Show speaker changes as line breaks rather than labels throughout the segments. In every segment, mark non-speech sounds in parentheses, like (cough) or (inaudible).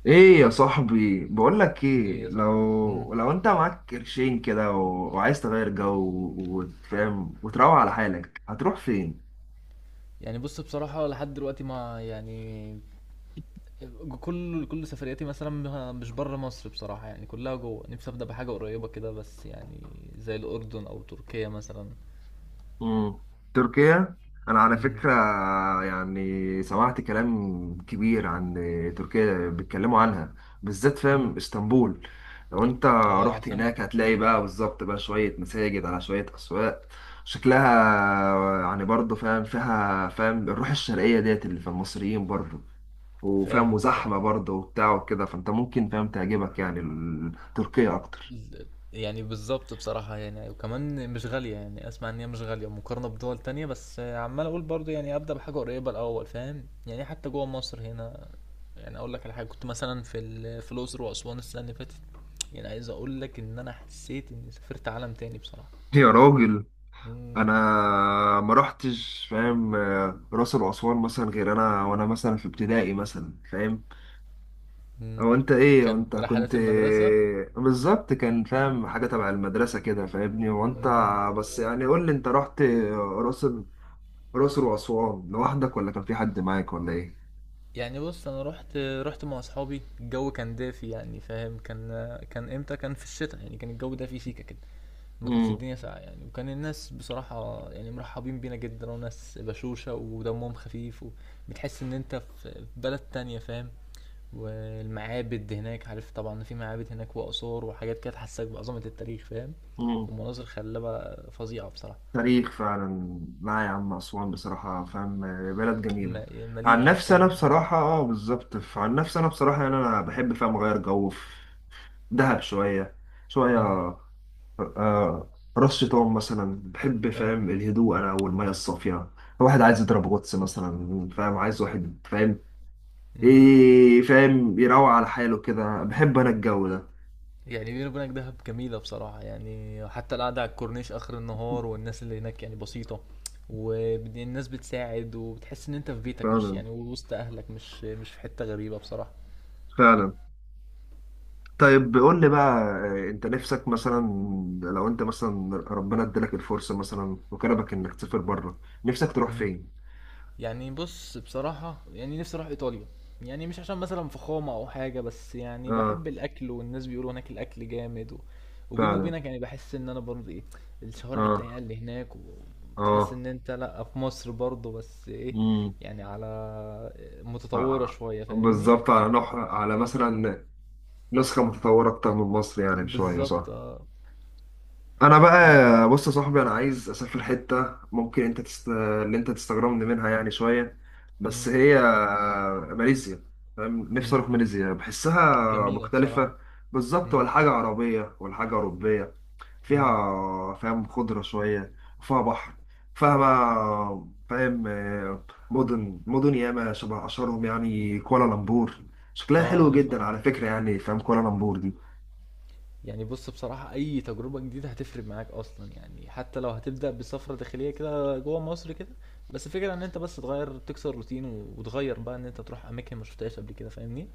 ايه يا صاحبي، بقول لك ايه،
إيه صح. مم.
لو انت معاك قرشين كده و... وعايز تغير جو وتفهم وتروق على حالك هتروح فين؟
يعني بص بصراحة لحد دلوقتي ما يعني كل سفرياتي مثلا مش بره مصر بصراحة يعني كلها جوه نفسي أبدأ بحاجة قريبة كده بس يعني زي الأردن أو تركيا مثلا.
امم تركيا. انا على
مم.
فكرة سمعت كلام كبير عن تركيا، بيتكلموا عنها بالذات
مم.
فاهم؟ اسطنبول لو انت
اه
رحت
العاصمة.
هناك هتلاقي بقى بالظبط بقى شوية مساجد على شوية اسواق. شكلها يعني برضه فاهم فيها؟ فاهم الروح الشرقية ديت اللي في المصريين برضه، وفاهم
فاهم بصراحة
وزحمة برضه وبتاع وكده. فانت ممكن فاهم تعجبك يعني تركيا اكتر.
يعني بالظبط بصراحة يعني وكمان مش غالية يعني أسمع إن هي مش غالية مقارنة بدول تانية بس عمال أقول برضو يعني أبدأ بحاجة قريبة الأول فاهم يعني حتى جوه مصر هنا. يعني اقول لك على حاجه كنت مثلا في الاقصر واسوان السنه اللي فاتت. يعني عايز اقول لك ان انا حسيت اني سافرت عالم تاني بصراحه.
يا راجل، انا
مم.
ما رحتش فاهم آه، راس الاسوان مثلا غير انا، وانا مثلا في ابتدائي مثلا فاهم،
مم.
او انت ايه وانت
كانت
كنت؟
رحلات المدرسه.
بالظبط، كان فاهم حاجة تبع المدرسة كده، فاهمني؟ وانت
مم.
بس يعني قول لي، انت رحت راس راس الاسوان لوحدك ولا كان في حد معاك ولا ايه؟
يعني بص انا رحت مع اصحابي الجو كان دافي يعني فاهم كان امتى كان في الشتاء يعني كان الجو دافي سيكا كده. ما كانتش الدنيا ساقعه يعني وكان الناس بصراحه يعني مرحبين بينا جدا وناس بشوشه ودمهم خفيف. وبتحس ان انت في بلد تانية فاهم. والمعابد هناك عارف طبعا في معابد هناك وآثار وحاجات كده تحسسك بعظمة التاريخ فاهم.
امم
ومناظر خلابة فظيعة بصراحة.
تاريخ فعلا. لا يا عم، أسوان بصراحة فاهم بلد جميلة.
م-
عن
مليئة
نفسي أنا
بالكلام.
بصراحة اه بالظبط عن نفسي أنا بصراحة يعني أنا بحب فاهم أغير جو في دهب شوية شوية.
مم.
آه، راس شيطان مثلا، بحب
اه.
فاهم الهدوء أنا والمية الصافية. واحد عايز يضرب غطس مثلا فاهم، عايز واحد فاهم
مم.
إيه، فاهم يروق على حاله كده. بحب أنا الجو ده
يعني بيني وبينك دهب جميلة بصراحة يعني حتى القعدة على الكورنيش آخر النهار والناس اللي هناك يعني بسيطة. والناس بتساعد وبتحس إن أنت في بيتك مش
فعلا
يعني وسط أهلك مش في حتة غريبة بصراحة.
فعلا. طيب قول لي بقى آه، انت نفسك مثلا، لو انت مثلا ربنا ادالك الفرصة مثلا وكرمك انك تسافر بره، نفسك تروح فين؟
يعني بص بصراحة يعني نفسي اروح ايطاليا. يعني مش عشان مثلا فخامة او حاجة بس يعني
اه،
بحب الاكل والناس بيقولوا هناك الاكل جامد و... وبيني
فعلا.
وبينك يعني بحس ان انا برضه ايه. الشوارع الضيقة
اه
اللي هناك وتحس
اه.
ان انت لا في مصر برضه بس ايه.
امم.
يعني على
آه.
متطورة
آه،
شوية فاهمني.
بالظبط على نح على مثلا نسخة متطورة اكتر من مصر يعني شوية،
بالظبط
صح؟
اه.
انا
يعني
بقى بص يا صاحبي، انا عايز اسافر حته ممكن انت تست... اللي انت تستغربني منها يعني شويه، بس
مم.
هي ماليزيا. فاهم؟ نفسي
مم.
اروح ماليزيا، بحسها
جميلة بصراحة.
مختلفه. بالظبط،
مم.
ولا حاجه عربيه ولا حاجه اوروبيه.
مم.
فيها فاهم خضره شويه وفيها بحر. فيها بقى فاهم آه، مدن ياما، شبه اشهرهم يعني كوالالمبور. شكلها
اه
حلو
عارفها.
جدا على فكره، يعني فاهم كوالالمبور.
يعني بص بصراحة أي تجربة جديدة هتفرق معاك أصلا يعني حتى لو هتبدأ بسفرة داخلية كده جوه مصر كده. بس الفكرة إن أنت بس تغير تكسر روتين و- وتغير بقى إن أنت تروح أماكن ما شفتهاش قبل كده فاهمني؟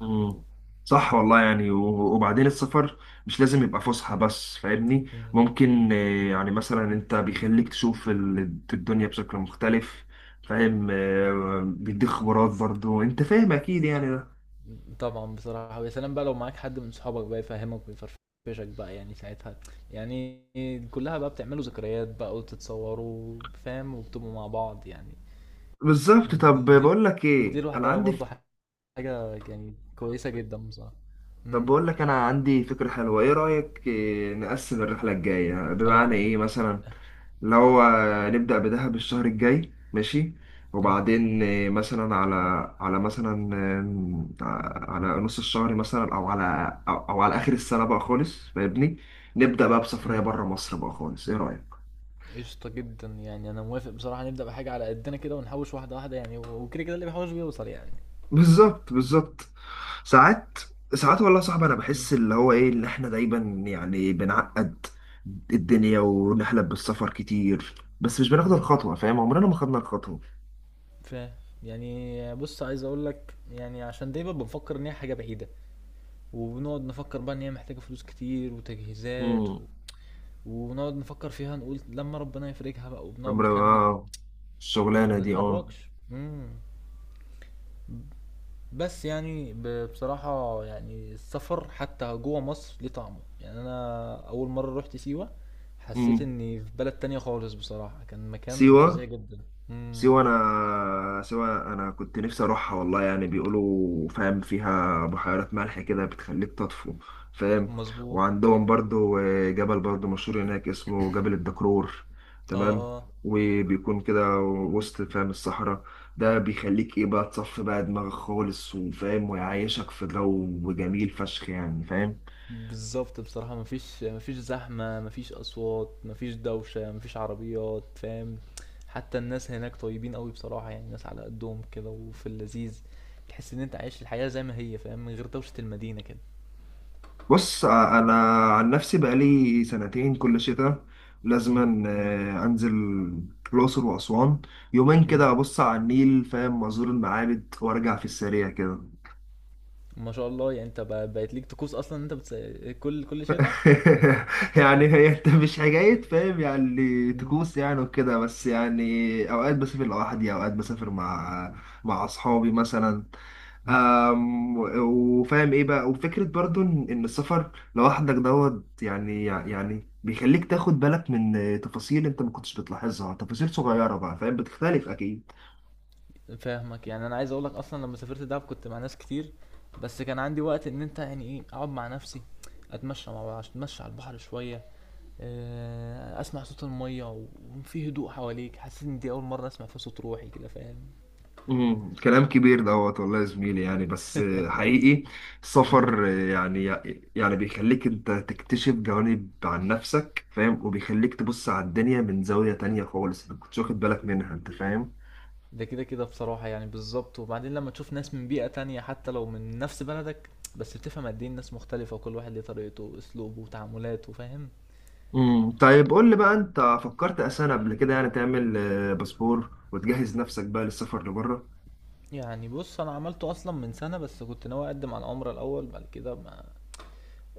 مم. صح والله يعني و- وبعدين السفر مش لازم يبقى فسحة بس، فاهمني؟
مم.
ممكن آه، يعني مثلا انت بيخليك تشوف الدنيا بشكل مختلف. فاهم آه، بيديك خبرات برضو انت فاهم، اكيد يعني ده.
طبعا بصراحة ويا سلام بقى لو معاك حد من صحابك بقى يفهمك ويفرفشك بقى يعني ساعتها. يعني كلها بقى بتعملوا ذكريات بقى وتتصوروا فاهم وبتبقوا مع بعض يعني.
بالظبط.
دي
طب
دي
بقول لك
دي
ايه، انا
لوحدها
عندي،
برضه حاجة يعني كويسة جدا بصراحة.
طب
امم.
بقول لك انا عندي فكرة حلوة، ايه رأيك آه، نقسم الرحلة الجاية
الو.
بمعنى ايه مثلا، اللي هو نبدأ بدهب الشهر الجاي، ماشي؟ وبعدين آه، مثلا على على مثلا آم، على نص الشهر مثلا، او على او أو على اخر السنة بقى خالص فاهمني، نبدأ بقى بسفرية
امم.
بره مصر بقى خالص. ايه رأيك؟
قشطة جدا يعني أنا موافق بصراحة نبدأ بحاجة على قدنا كده ونحوش واحدة واحدة يعني و- وكده كده اللي بيحوش بيوصل يعني.
بالظبط بالظبط. ساعات ساعات والله صعب، انا
مم.
بحس اللي هو ايه اللي احنا دايما يعني بنعقد الدنيا ونحلم بالسفر كتير، بس مش بناخد
مم.
الخطوة فاهم؟ عمرنا ما خدنا الخطوة.
ف يعني بص عايز اقول لك يعني عشان دايما بنفكر ان هي حاجه بعيده. وبنقعد نفكر بقى ان هي محتاجه فلوس كتير وتجهيزات و.
امم،
ونقعد نفكر فيها نقول لما ربنا يفرجها بقى وبنقعد
عمرنا
مكاننا.
ما
ما
الشغلانة دي اه.
بنتحركش. امم. بس يعني بصراحة يعني السفر حتى جوه مصر ليه طعمه يعني أنا أول مرة روحت سيوة. حسيت
امم.
إني في بلد تانية خالص بصراحة كان مكان فظيع
سيوة.
جدا. مم.
سيوة أنا كنت نفسي أروحها والله يعني، بيقولوا فاهم فيها بحيرات ملح كده بتخليك تطفو، فاهم؟
مظبوط.
وعندهم برضو آه، جبل برضو مشهور هناك، اسمه جبل الدكرور.
اه
تمام.
اه.
وبيكون كده وسط فاهم الصحراء، ده بيخليك ايه بقى تصفي بقى دماغك خالص وفاهم، ويعيشك في جو جميل فشخ يعني فاهم.
بالظبط بصراحة مفيش زحمة مفيش أصوات مفيش دوشة مفيش عربيات فاهم. حتى الناس هناك طيبين قوي بصراحة يعني ناس على قدهم كده وفي اللذيذ. تحس إن أنت عايش الحياة زي ما هي فاهم من غير دوشة المدينة كده.
انا عن نفسي بقالي سنتين كل شتاء
مم.
لازما آه، انزل الاقصر واسوان يومين
مم.
كده، ابص على النيل فاهم، وازور المعابد وارجع في السريع كده.
ما شاء الله يعني انت بقت ليك طقوس اصلا إن انت كل شتاء.
(laughs) يعني هي انت مش حكاية فاهم يعني
مم.
طقوس يعني وكده، بس يعني اوقات بسافر لوحدي، اوقات بسافر مع اصحابي مثلا.
امم.
أم، وفاهم ايه بقى، وفكرة برضو ان إن السفر لوحدك دوت يعني بيخليك تاخد بالك من تفاصيل انت ما كنتش بتلاحظها، تفاصيل صغيرة بقى فاهم، بتختلف اكيد.
فاهمك يعني انا عايز اقول لك اصلا لما سافرت دهب كنت مع ناس كتير. بس كان عندي وقت ان انت يعني ايه اقعد مع نفسي. اتمشى مع بعض، اتمشى على البحر شويه. اسمع صوت الميه و- وفي هدوء حواليك حسيت ان دي اول مره اسمع فيها صوت روحي كده فاهم.
امم، كلام كبير دوت والله يا زميلي، يعني بس آه، حقيقي
مم.
السفر آه، يعني بيخليك انت تكتشف جوانب عن نفسك فاهم، وبيخليك تبص على الدنيا من زاوية تانية خالص انت كنتش واخد بالك منها، انت فاهم.
ده كده كده بصراحه يعني بالظبط وبعدين لما تشوف ناس من بيئه تانية حتى لو من نفس بلدك. بس بتفهم قد ايه الناس مختلفه وكل واحد ليه طريقته واسلوبه وتعاملاته فاهم.
امم. طيب قول لي بقى، انت فكرت اساسا قبل كده يعني تعمل آه، باسبور وتجهز نفسك بقى للسفر لبره؟
يعني بُص، أنا عملته أصلًا من سَنة، بس كنت ناوي أقدّم على العُمرة الأول، بعد كده ما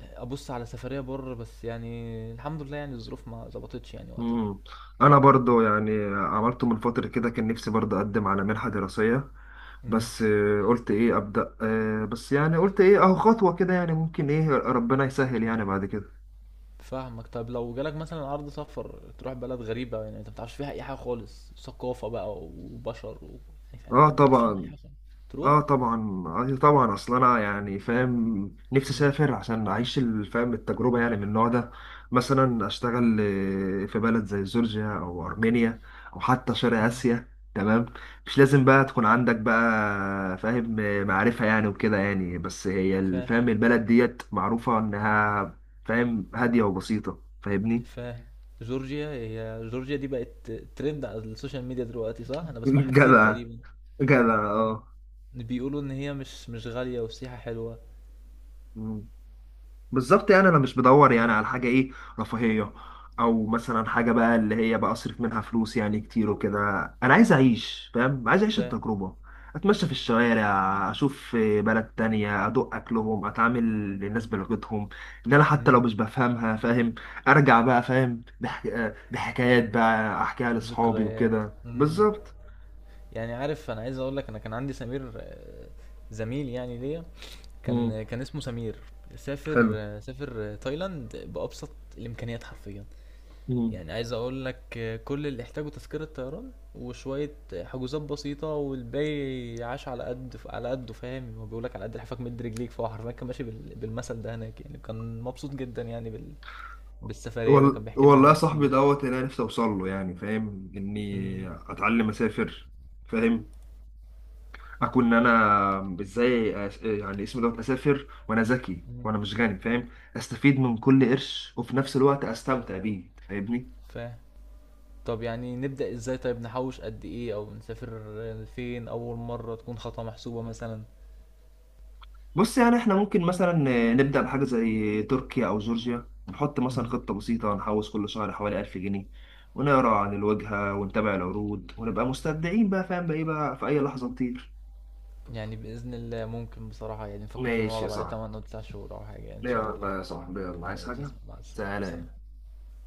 أبُص على سفرية برّه، بس يعني الحمد لله يعني الظروف ما ضبطتش يعني وقتها.
مم. انا برضو يعني عملته من فترة كده، كان نفسي برضو اقدم على منحة دراسية،
إمم.
بس آه، قلت ايه ابدا آه، بس يعني قلت ايه، اهو خطوة كده يعني، ممكن ايه ربنا يسهل يعني بعد كده.
فاهمك، طب لو جالك مثلًا عرض سفر تروح بلد غريبة يعني أنت ما تعرفش فيها أي حاجة خالص، ثقافة بقى وبشر و يعني
اه
أنت ما تعرفش عنها أي
طبعا،
حاجة خالص، تروح؟
اه طبعا آه طبعا، اصل انا يعني فاهم نفسي
إمم.
اسافر عشان اعيش الفهم التجربه يعني من النوع ده. مثلا اشتغل آه، في بلد زي جورجيا او ارمينيا او حتى شرق
إمم.
اسيا. تمام. مش لازم بقى تكون عندك بقى فاهم آه، معرفه يعني وكده يعني، بس هي
فاهم.
الفهم البلد ديت معروفه انها فاهم هاديه وبسيطه، فاهمني؟
فاهم. جورجيا هي جورجيا دي بقت trend على الsocial media دلوقتي صح؟ أنا
(laughs)
باسمعها كتير
جدع
تقريبًا،
جدع.
بيقولوا إن هي مش غالية والسياحة حلوة.
اه بالظبط، يعني انا مش بدور يعني
إمم.
على حاجه ايه رفاهيه، او مثلا حاجه بقى اللي هي بقى اصرف منها فلوس يعني كتير وكده. انا عايز اعيش فاهم، عايز اعيش
ب-
التجربه، اتمشى في الشوارع، اشوف بلد تانية، ادوق اكلهم، اتعامل للناس بلغتهم ان انا حتى
مم.
لو مش بفهمها فاهم. ارجع بقى فاهم بح... بحكايات بقى احكيها لاصحابي
وذكريات.
وكده.
مم.
بالظبط.
يعني عارف انا عايز اقول لك انا كان عندي سمير زميل يعني ليا
مم.
كان اسمه سمير. سافر تايلاند بابسط الامكانيات حرفيا.
حلو.
يعني عايز اقول لك كل اللي احتاجه تذكرة طيران وشوية حجوزات بسيطة والباقي عاش على قد على قده فاهم هو بيقول لك على قد لحافك مد رجليك فهو حرفيا كان ماشي بالمثل ده هناك يعني كان مبسوط جدا يعني بالسفرية دي وكان
وال...
بيحكي لنا
والله يا
عنها
صاحبي
كتير.
دوت اللي انا نفسي اوصل له يعني فاهم، اني
مم.
اتعلم اسافر فاهم، اكون انا ازاي أس... يعني اسمه دوت، اسافر وانا ذكي
مم.
وانا مش غني فاهم، استفيد من كل قرش وفي نفس الوقت استمتع بيه، فاهمني؟
فاهم. طب يعني نبدأ ازاي طيب نحوش قد ايه او نسافر فين اول مرة تكون خطوة محسوبة مثلا؟
بص يعني احنا ممكن مثلا نبدا بحاجه زي تركيا او جورجيا، ونحط مثلا
مم.
خطه بسيطه نحوش كل شهر حوالي 1000 جنيه، ونقرا عن الواجهه ونتابع العروض ونبقى مستبدعين بقى فاهم بقى ايه بقى في اي لحظه نطير.
يعني بإذن الله ممكن بصراحة يعني نفكر في الموضوع
ماشي
ده
يا
بعد
صاحبي.
8 او 9 شهور او حاجة يعني ان
ليه
شاء
يا
الله.
بقى يا صاحبي، يلا عايز
ماشي يا
حاجة؟
اسطى، مع السلامة
تعالى
سلام.